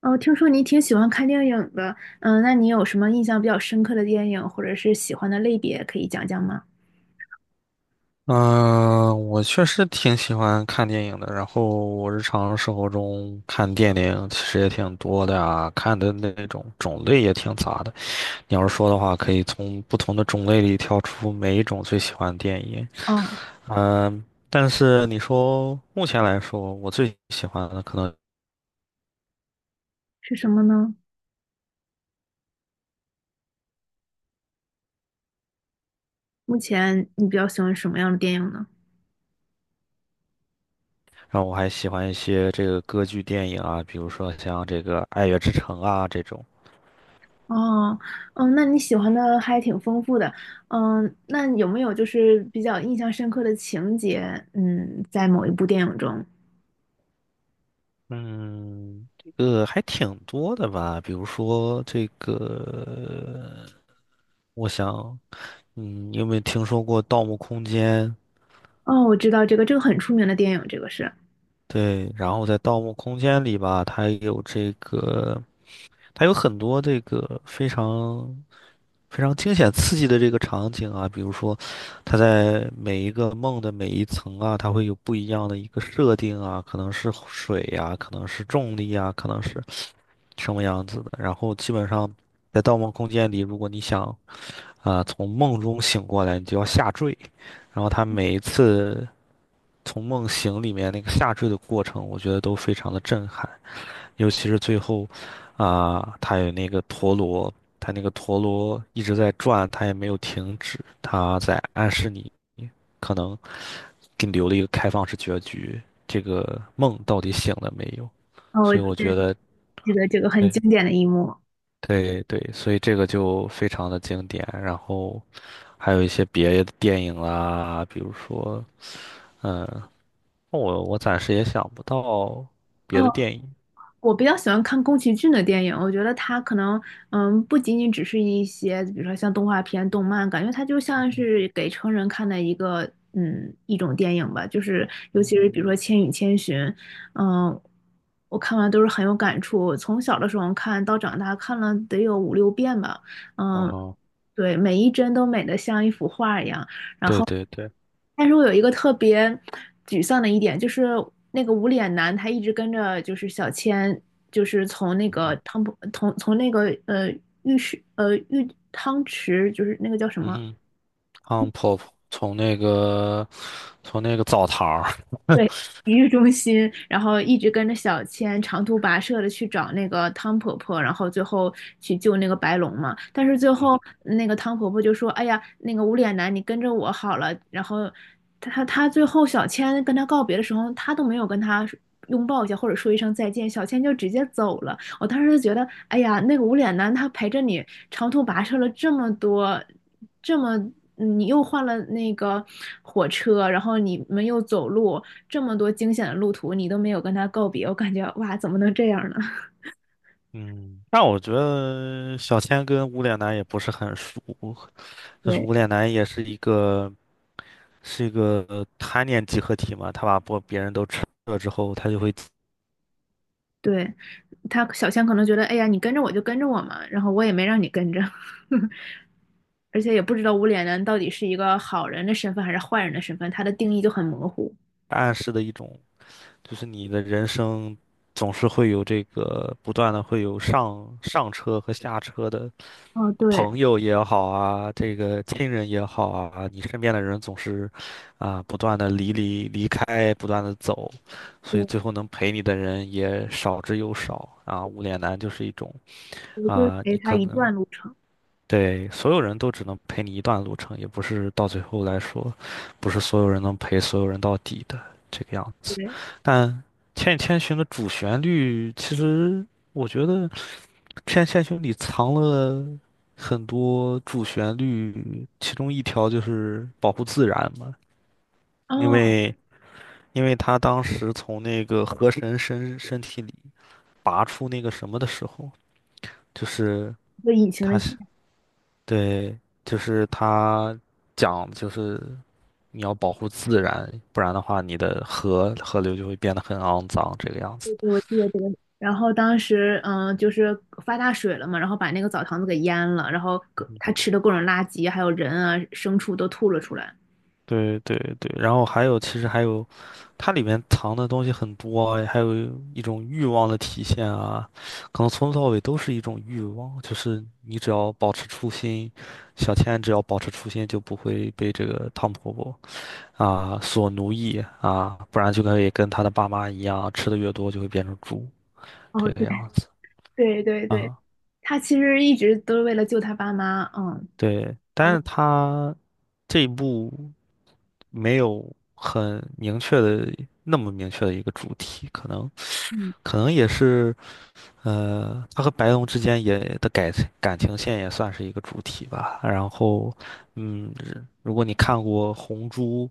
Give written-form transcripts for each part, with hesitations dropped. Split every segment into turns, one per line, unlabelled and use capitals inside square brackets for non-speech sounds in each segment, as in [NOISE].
哦，听说你挺喜欢看电影的，嗯，那你有什么印象比较深刻的电影，或者是喜欢的类别，可以讲讲吗？
嗯，我确实挺喜欢看电影的。然后我日常生活中看电影其实也挺多的啊，看的那种种类也挺杂的。你要是说的话，可以从不同的种类里挑出每一种最喜欢的电影。
哦，
嗯，但是你说目前来说，我最喜欢的可能
是什么呢？目前你比较喜欢什么样的电影呢？
让我还喜欢一些这个歌剧电影啊，比如说像这个《爱乐之城》啊这种。
哦，嗯，那你喜欢的还挺丰富的，嗯，那有没有就是比较印象深刻的情节？嗯，在某一部电影中，
嗯，这个还挺多的吧？比如说这个，我想，嗯，你有没有听说过《盗墓空间》？
哦，我知道这个，这个很出名的电影，这个是，
对，然后在《盗墓空间》里吧，它有这个，它有很多这个非常非常惊险刺激的这个场景啊，比如说，它在每一个梦的每一层啊，它会有不一样的一个设定啊，可能是水呀、可能是重力啊，可能是。什么样子的。然后基本上在《盗梦空间》里，如果你想啊、从梦中醒过来，你就要下坠。然后他每一次从梦醒里面那个下坠的过程，我觉得都非常的震撼，尤其是最后啊、他有那个陀螺，他那个陀螺一直在转，他也没有停止，他在暗示你可能给你留了一个开放式结局，这个梦到底醒了没有？
哦，我
所
记
以我
得
觉得。
记得这个很
对。
经典的一幕。
对对，所以这个就非常的经典。然后还有一些别的电影啦，比如说，嗯，我暂时也想不到别的
哦，
电影。
我比较喜欢看宫崎骏的电影，我觉得他可能，嗯，不仅仅只是一些，比如说像动画片、动漫，感觉它就
嗯
像
哼，
是给成人看的一个，嗯，一种电影吧。就是尤其是比
嗯，
如说《千与千寻》，嗯，我看完都是很有感触。我从小的时候看到长大，看了得有五六遍吧，
然
嗯，
后
对，每一帧都美得像一幅画一样。然
对
后，
对对，
但是我有一个特别沮丧的一点，就是那个无脸男他一直跟着就是小千，就是从那
嗯
个
哼，
汤普从从那个呃浴室呃浴汤池，就是那个叫什
嗯
么
哼，嗯，婆婆从那个澡堂儿，
对，体育中心，然后一直跟着小千长途跋涉的去找那个汤婆婆，然后最后去救那个白龙嘛。但是最
嗯
后那个汤婆婆就说：“哎呀，那个无脸男，你跟着我好了。”然后他最后小千跟他告别的时候，他都没有跟他拥抱一下或者说一声再见，小千就直接走了。我当时就觉得，哎呀，那个无脸男他陪着你长途跋涉了这么多，这么你又换了那个火车，然后你们又走路，这么多惊险的路途，你都没有跟他告别，我感觉哇，怎么能这样呢？[LAUGHS]
嗯，但我觉得小千跟无脸男也不是很熟，就是
对，
无脸男也是一个。是一个贪念集合体嘛，他把不别人都吃了之后，他就会
对，他小仙可能觉得，哎呀，你跟着我就跟着我嘛，然后我也没让你跟着，[LAUGHS] 而且也不知道无脸男到底是一个好人的身份还是坏人的身份，他的定义就很模糊。
暗示的一种，就是你的人生总是会有这个不断的会有上车和下车的
哦，对，
朋友也好啊，这个亲人也好啊，你身边的人总是啊不断的离开，不断的走，所以
对，
最后能陪你的人也少之又少啊。无脸男就是一种
我就
啊，
陪
你
他
可
一
能。
段路程。
对，所有人都只能陪你一段路程，也不是到最后来说，不是所有人能陪所有人到底的这个样子。
对，
但《千与千寻》的主旋律，其实我觉得《千与千寻》里藏了很多主旋律，其中一条就是保护自然嘛，因
哦，
为因为他当时从那个河神身体里拔出那个什么的时候，就是
一个隐形的
他
记
是对，就是他讲就是。你要保护自然，不然的话，你的河流就会变得很肮脏，这个样子
忆，
的。
给我记得这个。然后当时，嗯，就是发大水了嘛，然后把那个澡堂子给淹了，然后
嗯哼
他吃的各种垃圾，还有人啊、牲畜都吐了出来。
对对对，然后还有，其实还有，它里面藏的东西很多，还有一种欲望的体现啊，可能从头到尾都是一种欲望，就是你只要保持初心，小千只要保持初心，就不会被这个汤婆婆啊所奴役啊，不然就可以跟她的爸妈一样，吃的越多就会变成猪
哦，
这个
对
样子
对对对，
啊。
他其实一直都是为了救他爸妈。嗯，
对，
好
但
吧
是她。这一部没有很明确的那么明确的一个主题，可能
嗯
可能也是他和白龙之间也的感情线也算是一个主题吧。然后，嗯，如果你看过《红猪》，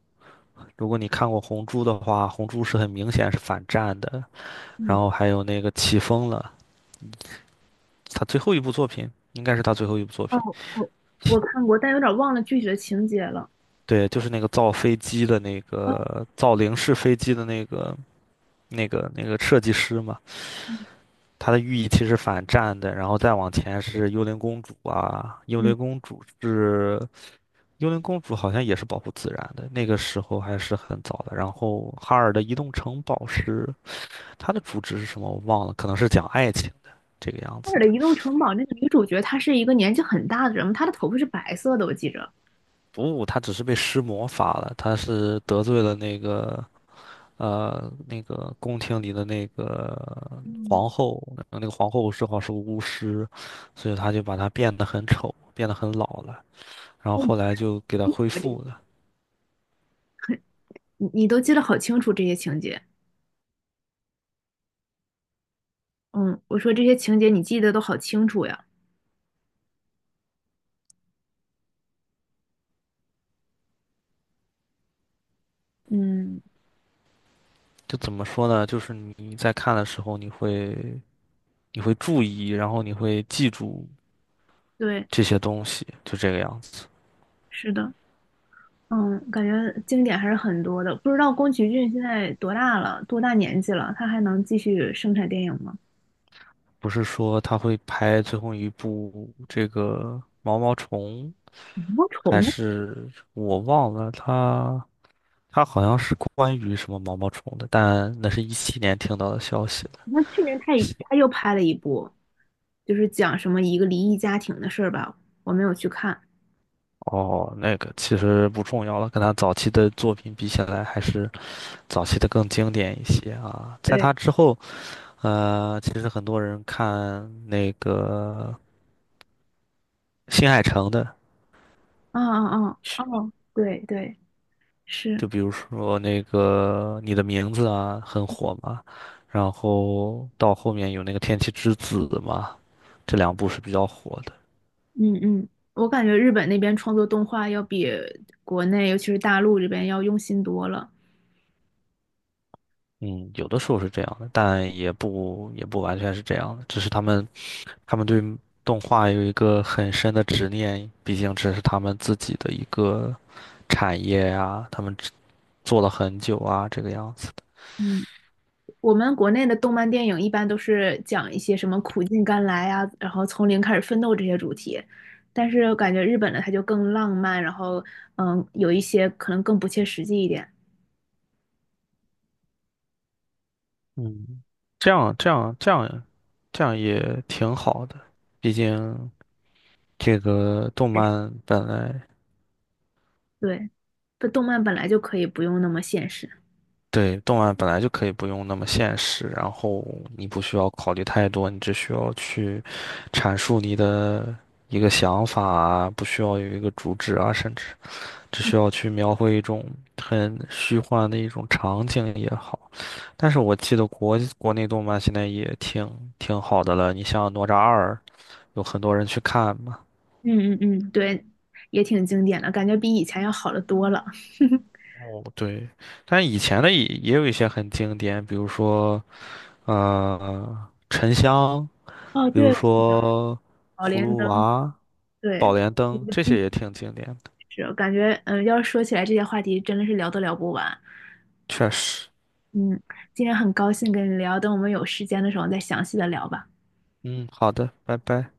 如果你看过《红猪》的话，《红猪》是很明显是反战的。然
嗯，
后还有那个起风了，他最后一部作品应该是他最后一部作
哦，
品，
我我
[LAUGHS]
看过，但有点忘了具体的情节了。
对，就是那个造飞机的那
哦，
个造零式飞机的那个。那个设计师嘛，他的寓意其实反战的，然后再往前是幽灵公主啊，幽
嗯，
灵公主是幽灵公主好像也是保护自然的，那个时候还是很早的。然后哈尔的移动城堡是它的主旨是什么我忘了，可能是讲爱情的这个样
那
子
尔的
的。
移动城堡那个女主角，她是一个年纪很大的人，她的头发是白色的，我记着。
不，他只是被施魔法了，他是得罪了那个那个宫廷里的那个
嗯，
皇后，然后那个皇后正好是个巫师，所以他就把她变得很丑，变得很老了。然后
哦，
后来就给她恢复了。
你都记得好清楚这些情节。嗯，我说这些情节你记得都好清楚呀。嗯
就怎么说呢？就是你在看的时候，你会注意，然后你会记住
对，
这些东西，就这个样子。
是的，嗯，感觉经典还是很多的。不知道宫崎骏现在多大了，多大年纪了，他还能继续生产电影吗？
不是说他会拍最后一部这个毛毛虫，
魔
还
虫，
是我忘了他好像是关于什么毛毛虫的，但那是2017年听到的消息了。
那去年他又拍了一部，就是讲什么一个离异家庭的事儿吧，我没有去看。
哦，那个其实不重要了，跟他早期的作品比起来，还是早期的更经典一些啊。在他
对，
之后，呃，其实很多人看那个新海诚的。
啊啊啊哦，对对，是，
说那个你的名字啊很火嘛，然后到后面有那个《天气之子》嘛，这两部是比较火的。
嗯嗯，我感觉日本那边创作动画要比国内，尤其是大陆这边要用心多了。
嗯，有的时候是这样的，但也不完全是这样的，只是他们对动画有一个很深的执念，毕竟这是他们自己的一个产业呀，他们只做了很久啊，这个样子的。
嗯，我们国内的动漫电影一般都是讲一些什么苦尽甘来啊，然后从零开始奋斗这些主题，但是感觉日本的它就更浪漫，然后嗯，有一些可能更不切实际一点。
嗯，这样这样这样这样也挺好的，毕竟。这个动漫本来
对，它动漫本来就可以不用那么现实。
对动漫本来就可以不用那么现实，然后你不需要考虑太多，你只需要去阐述你的一个想法啊，不需要有一个主旨啊，甚至只需要去描绘一种很虚幻的一种场景也好。但是我记得国内动漫现在也挺好的了，你像《哪吒二》，有很多人去看嘛。
嗯嗯嗯，对，也挺经典的，感觉比以前要好的多了。[LAUGHS]
哦，对，但以前的也有一些很经典，比如说。呃，沉香，
哦，
比如
对，
说
宝
葫
莲
芦
灯，
娃、宝
对，
莲
一
灯，
部
这些
纪
也挺经典的。
实，感觉嗯，要是说起来这些话题，真的是聊都聊不完。
确实，
嗯，今天很高兴跟你聊，等我们有时间的时候再详细的聊吧。
嗯，好的，拜拜。